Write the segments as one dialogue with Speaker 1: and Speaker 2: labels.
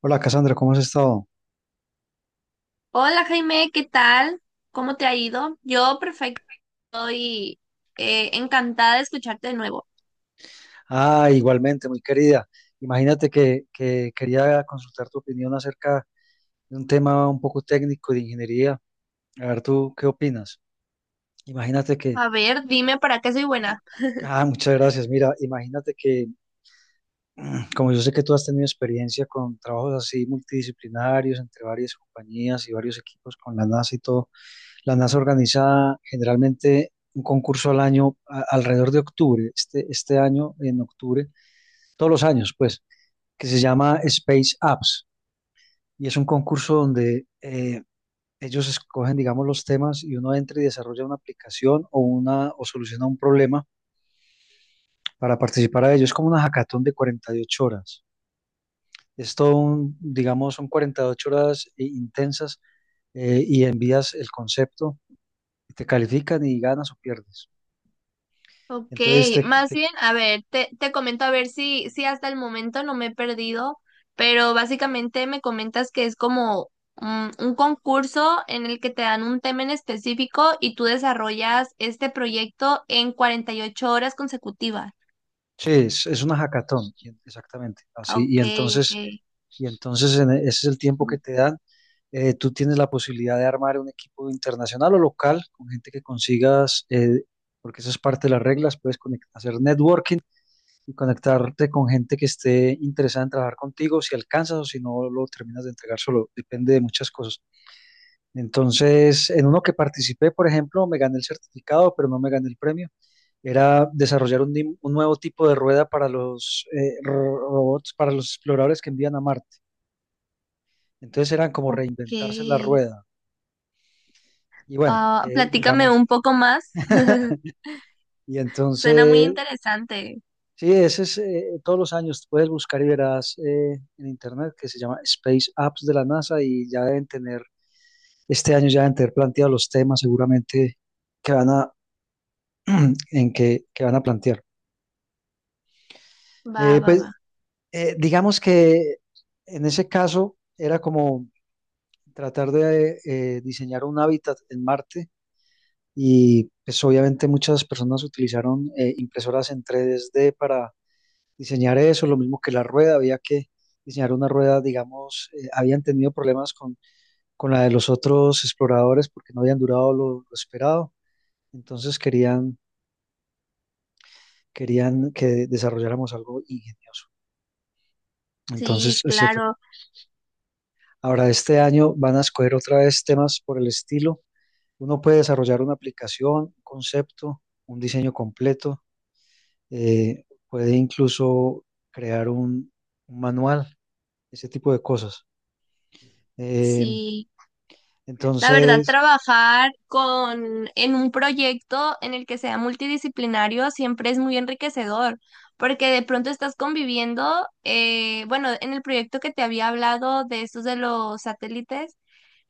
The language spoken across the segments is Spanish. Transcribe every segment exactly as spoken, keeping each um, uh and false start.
Speaker 1: Hola Cassandra, ¿cómo has estado?
Speaker 2: Hola Jaime, ¿qué tal? ¿Cómo te ha ido? Yo perfecto y eh, encantada de escucharte de nuevo.
Speaker 1: Ah, igualmente, muy querida. Imagínate que, que quería consultar tu opinión acerca de un tema un poco técnico de ingeniería. A ver, ¿tú qué opinas? Imagínate que,
Speaker 2: A ver, dime para qué soy buena.
Speaker 1: ah, muchas gracias. Mira, imagínate que, como yo sé que tú has tenido experiencia con trabajos así multidisciplinarios entre varias compañías y varios equipos con la NASA y todo, la NASA organiza generalmente un concurso al año a- alrededor de octubre, este, este año en octubre, todos los años, pues, que se llama Space Apps y es un concurso donde eh, ellos escogen, digamos, los temas y uno entra y desarrolla una aplicación o, una, o soluciona un problema para participar a ello. Es como una hackathon de cuarenta y ocho horas. Es todo un, digamos, son cuarenta y ocho horas eh, intensas, eh, y envías el concepto, y te califican y ganas o pierdes.
Speaker 2: Ok,
Speaker 1: Entonces, te,
Speaker 2: más
Speaker 1: te-
Speaker 2: bien, a ver, te, te comento a ver si, si hasta el momento no me he perdido, pero básicamente me comentas que es como mm, un concurso en el que te dan un tema en específico y tú desarrollas este proyecto en cuarenta y ocho horas consecutivas.
Speaker 1: sí, es, es una hackathon, exactamente, así. Y
Speaker 2: Ok, ok.
Speaker 1: entonces, y entonces en e- ese es el tiempo que te dan. Eh, tú tienes la posibilidad de armar un equipo internacional o local con gente que consigas, eh, porque eso es parte de las reglas, puedes conect- hacer networking y conectarte con gente que esté interesada en trabajar contigo, si alcanzas o si no lo terminas de entregar solo, depende de muchas cosas. Entonces, en uno que participé, por ejemplo, me gané el certificado, pero no me gané el premio. Era desarrollar un, nim- un nuevo tipo de rueda para los eh, ro- robots, para los exploradores que envían a Marte. Entonces eran como
Speaker 2: Ok.
Speaker 1: reinventarse la rueda. Y bueno,
Speaker 2: Ah,
Speaker 1: eh,
Speaker 2: platícame un
Speaker 1: digamos,
Speaker 2: poco más.
Speaker 1: y
Speaker 2: Suena muy
Speaker 1: entonces,
Speaker 2: interesante.
Speaker 1: sí, ese es, eh, todos los años puedes buscar y verás eh, en internet que se llama Space Apps de la NASA y ya deben tener, este año ya deben tener planteados los temas seguramente que van a, en que, que van a plantear.
Speaker 2: Va,
Speaker 1: Eh,
Speaker 2: va,
Speaker 1: pues
Speaker 2: va.
Speaker 1: eh, digamos que en ese caso era como tratar de eh, diseñar un hábitat en Marte. Y pues obviamente muchas personas utilizaron eh, impresoras en tres D para diseñar eso, lo mismo que la rueda, había que diseñar una rueda, digamos, eh, habían tenido problemas con, con la de los otros exploradores porque no habían durado lo, lo esperado, entonces querían, querían que desarrolláramos algo ingenioso.
Speaker 2: Sí,
Speaker 1: Entonces, ese fue.
Speaker 2: claro,
Speaker 1: Ahora, este año van a escoger otra vez temas por el estilo. Uno puede desarrollar una aplicación, un concepto, un diseño completo, eh, puede incluso crear un, un manual, ese tipo de cosas. Eh,
Speaker 2: sí. La verdad,
Speaker 1: entonces,
Speaker 2: trabajar con en un proyecto en el que sea multidisciplinario siempre es muy enriquecedor, porque de pronto estás conviviendo, eh, bueno, en el proyecto que te había hablado de estos de los satélites.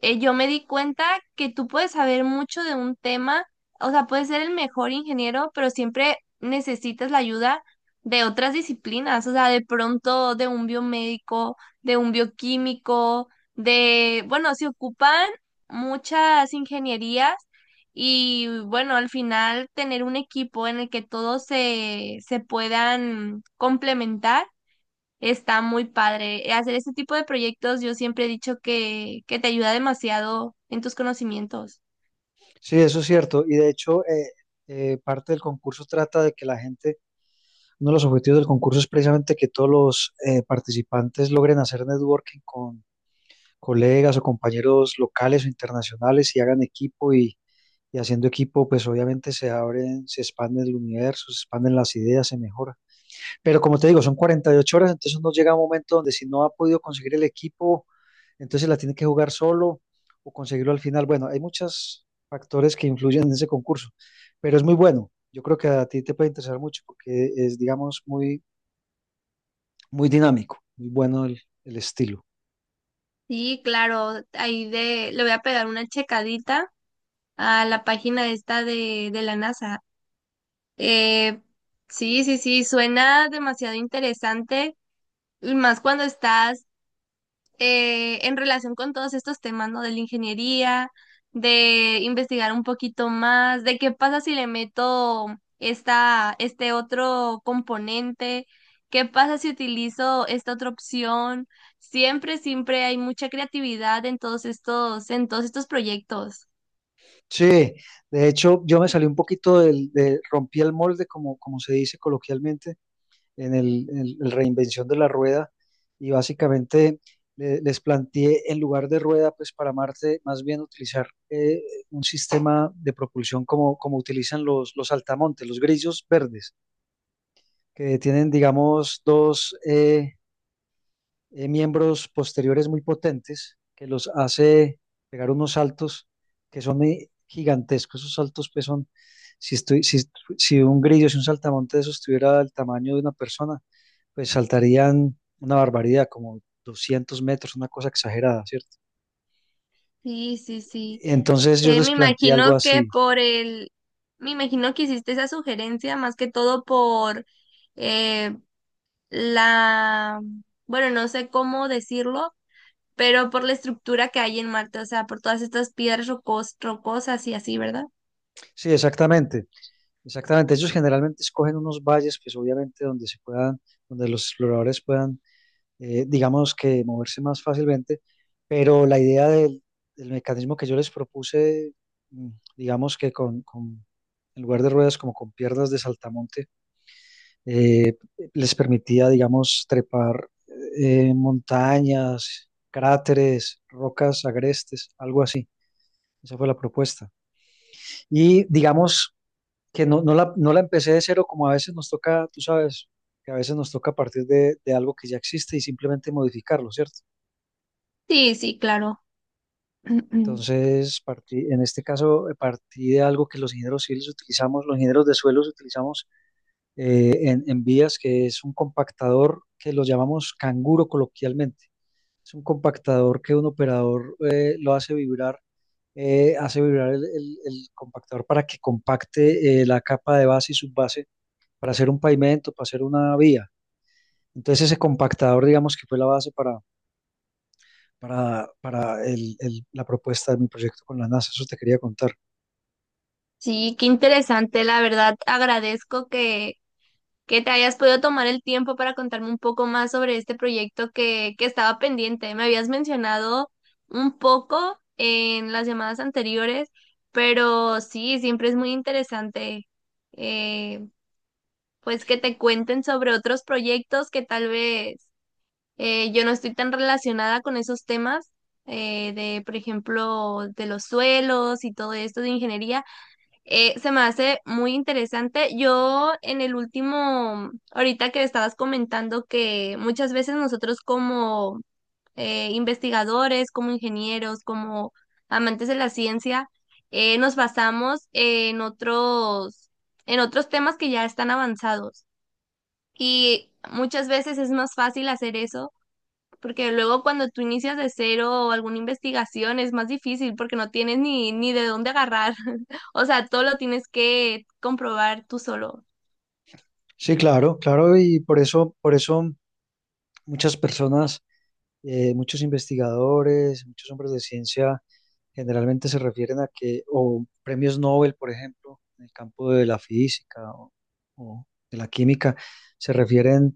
Speaker 2: eh, Yo me di cuenta que tú puedes saber mucho de un tema, o sea, puedes ser el mejor ingeniero, pero siempre necesitas la ayuda de otras disciplinas, o sea, de pronto de un biomédico, de un bioquímico, de, bueno, se ocupan muchas ingenierías y bueno, al final tener un equipo en el que todos se, se puedan complementar. Está muy padre. Hacer este tipo de proyectos yo siempre he dicho que, que te ayuda demasiado en tus conocimientos.
Speaker 1: sí, eso es cierto. Y de hecho, eh, eh, parte del concurso trata de que la gente, uno de los objetivos del concurso es precisamente que todos los eh, participantes logren hacer networking con colegas o compañeros locales o internacionales y hagan equipo y, y haciendo equipo, pues obviamente se abren, se expande el universo, se expanden las ideas, se mejora. Pero como te digo, son cuarenta y ocho horas, entonces uno llega a un momento donde si no ha podido conseguir el equipo, entonces la tiene que jugar solo o conseguirlo al final. Bueno, hay muchos factores que influyen en ese concurso, pero es muy bueno. Yo creo que a ti te puede interesar mucho porque es, digamos, muy, muy dinámico, muy bueno el, el estilo.
Speaker 2: Sí, claro, ahí de, le voy a pegar una checadita a la página esta de, de la NASA. Eh, sí, sí, sí, suena demasiado interesante, y más cuando estás eh, en relación con todos estos temas, ¿no? De la ingeniería, de investigar un poquito más, de qué pasa si le meto esta, este otro componente, qué pasa si utilizo esta otra opción. Siempre, siempre hay mucha creatividad en todos estos, en todos estos proyectos.
Speaker 1: Sí, de hecho, yo me salí un poquito del, de, rompí el molde, como, como se dice coloquialmente en el, en el reinvención de la rueda y básicamente le- les planteé en lugar de rueda, pues para Marte, más bien utilizar eh, un sistema de propulsión como, como utilizan los, los saltamontes, los grillos verdes, que tienen, digamos, dos eh, eh, miembros posteriores muy potentes que los hace pegar unos saltos que son eh, gigantescos. Esos saltos, pues son, si, estoy, si, si un grillo, si un saltamonte de esos tuviera el tamaño de una persona, pues saltarían una barbaridad, como doscientos metros, una cosa exagerada, ¿cierto?
Speaker 2: Sí, sí, sí.
Speaker 1: Entonces yo
Speaker 2: Eh,
Speaker 1: les
Speaker 2: me
Speaker 1: planteé algo
Speaker 2: imagino que
Speaker 1: así.
Speaker 2: por el, me imagino que hiciste esa sugerencia más que todo por eh, la, bueno, no sé cómo decirlo, pero por la estructura que hay en Marte, o sea, por todas estas piedras rocos- rocosas y así, ¿verdad?
Speaker 1: Sí, exactamente, exactamente. Ellos generalmente escogen unos valles, pues obviamente donde se puedan, donde los exploradores puedan, eh, digamos que moverse más fácilmente, pero la idea del, del mecanismo que yo les propuse, mm, digamos que con, con, en lugar de ruedas, como con piernas de saltamontes, eh, les permitía, digamos, trepar eh, montañas, cráteres, rocas agrestes, algo así. Esa fue la propuesta. Y digamos que no, no, la, no la empecé de cero como a veces nos toca, tú sabes, que a veces nos toca partir de, de algo que ya existe y simplemente modificarlo, ¿cierto?
Speaker 2: Sí, sí, claro.
Speaker 1: Entonces, partí, en este caso, eh, partí de algo que los ingenieros civiles utilizamos, los ingenieros de suelos utilizamos eh, en, en vías, que es un compactador que lo llamamos canguro coloquialmente. Es un compactador que un operador eh, lo hace vibrar, eh, hace vibrar el, el- el compactador para que compacte eh, la capa de base y subbase para hacer un pavimento, para hacer una vía. Entonces ese compactador, digamos que fue la base para, para, para el- el- la propuesta de mi proyecto con la NASA. Eso te quería contar.
Speaker 2: Sí, qué interesante, la verdad. Agradezco que, que te hayas podido tomar el tiempo para contarme un poco más sobre este proyecto que, que estaba pendiente. Me habías mencionado un poco en las llamadas anteriores, pero sí, siempre es muy interesante. Eh, pues que te cuenten sobre otros proyectos que tal vez eh, yo no estoy tan relacionada con esos temas. Eh, de, por ejemplo, de los suelos y todo esto de ingeniería, eh, se me hace muy interesante. Yo en el último, ahorita que estabas comentando que muchas veces nosotros como eh, investigadores, como ingenieros, como amantes de la ciencia, eh, nos basamos en otros, en otros temas que ya están avanzados. Y muchas veces es más fácil hacer eso, porque luego cuando tú inicias de cero o alguna investigación es más difícil porque no tienes ni, ni de dónde agarrar. O sea, todo lo tienes que comprobar tú solo.
Speaker 1: Sí, claro, claro, y por eso, por eso muchas personas, eh, muchos investigadores, muchos hombres de ciencia generalmente se refieren a que, o premios Nobel, por ejemplo, en el campo de la física o, o de la química, se refieren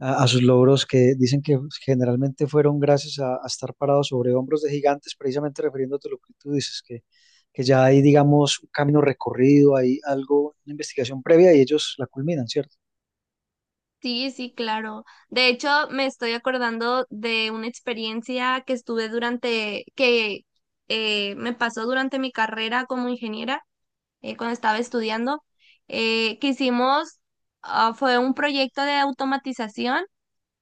Speaker 1: a, a sus logros que dicen que generalmente fueron gracias a, a estar parados sobre hombros de gigantes, precisamente refiriéndote a lo que tú dices, que, que ya hay, digamos, un camino recorrido, hay algo, una investigación previa y ellos la culminan, ¿cierto?
Speaker 2: Sí, sí, claro. De hecho, me estoy acordando de una experiencia que estuve durante, que eh, me pasó durante mi carrera como ingeniera, eh, cuando estaba estudiando, eh, que hicimos, ah, fue un proyecto de automatización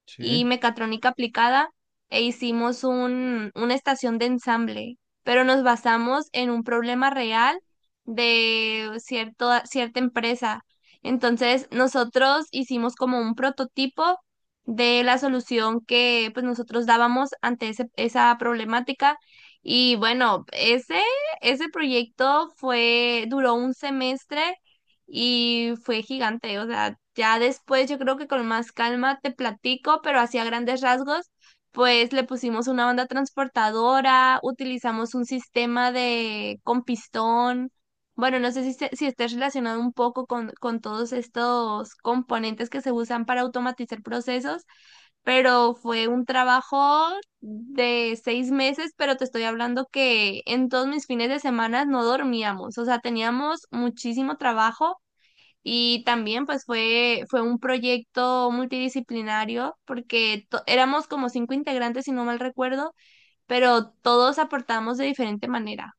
Speaker 1: Sí.
Speaker 2: y mecatrónica aplicada e hicimos un, una estación de ensamble, pero nos basamos en un problema real de cierto, cierta empresa. Entonces, nosotros hicimos como un prototipo de la solución que pues nosotros dábamos ante ese- esa problemática. Y bueno, ese, ese proyecto fue, duró un semestre y fue gigante. O sea, ya después yo creo que con más calma te platico, pero así a grandes rasgos, pues le pusimos una banda transportadora, utilizamos un sistema de con pistón. Bueno, no sé si, se- si esté relacionado un poco con, con todos estos componentes que se usan para automatizar procesos, pero fue un trabajo de seis meses, pero te estoy hablando que en todos mis fines de semana no dormíamos, o sea, teníamos muchísimo trabajo y también pues fue, fue un proyecto multidisciplinario porque to- éramos como cinco integrantes, si no mal recuerdo, pero todos aportamos de diferente manera.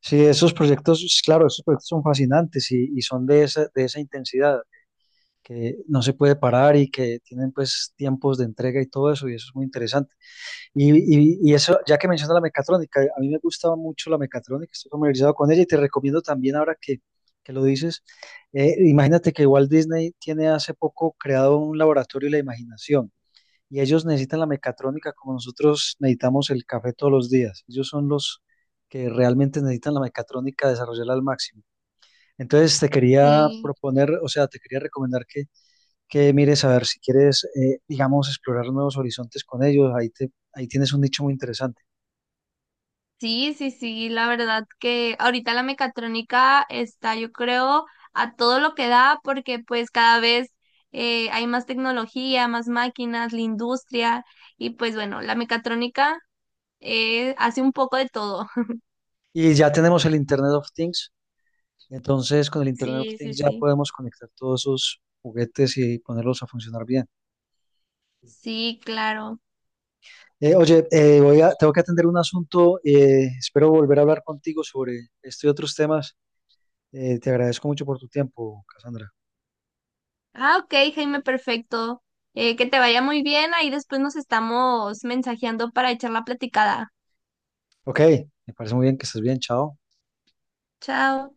Speaker 1: Sí, esos proyectos, claro, esos proyectos son fascinantes y, y son de esa, de esa intensidad, que no se puede parar y que tienen pues tiempos de entrega y todo eso, y eso es muy interesante. Y, y- y eso, ya que mencionas la mecatrónica, a mí me gustaba mucho la mecatrónica, estoy familiarizado con ella y te recomiendo también ahora que, que lo dices, eh, imagínate que Walt Disney tiene hace poco creado un laboratorio de la imaginación y ellos necesitan la mecatrónica como nosotros necesitamos el café todos los días. Ellos son los que realmente necesitan la mecatrónica desarrollarla al máximo. Entonces te quería
Speaker 2: Sí,
Speaker 1: proponer, o sea, te quería recomendar que que mires a ver si quieres, eh, digamos, explorar nuevos horizontes con ellos. Ahí, te, ahí tienes un nicho muy interesante.
Speaker 2: sí, sí, sí, la verdad que ahorita la mecatrónica está, yo creo, a todo lo que da porque pues cada vez eh, hay más tecnología, más máquinas, la industria y pues bueno, la mecatrónica. Eh, hace un poco de todo.
Speaker 1: Y ya tenemos el Internet of Things. Entonces, con el Internet of
Speaker 2: Sí, sí,
Speaker 1: Things ya
Speaker 2: sí.
Speaker 1: podemos conectar todos esos juguetes y ponerlos a funcionar bien.
Speaker 2: Sí, claro.
Speaker 1: Eh, oye, eh, voy a, tengo que atender un asunto. Eh, espero volver a hablar contigo sobre esto y otros temas. Eh, te agradezco mucho por tu tiempo, Cassandra.
Speaker 2: Ah, ok, Jaime, perfecto. Eh, que te vaya muy bien. Ahí después nos estamos mensajeando para echar la platicada.
Speaker 1: Ok, me parece muy bien que estés bien. Chao.
Speaker 2: Chao.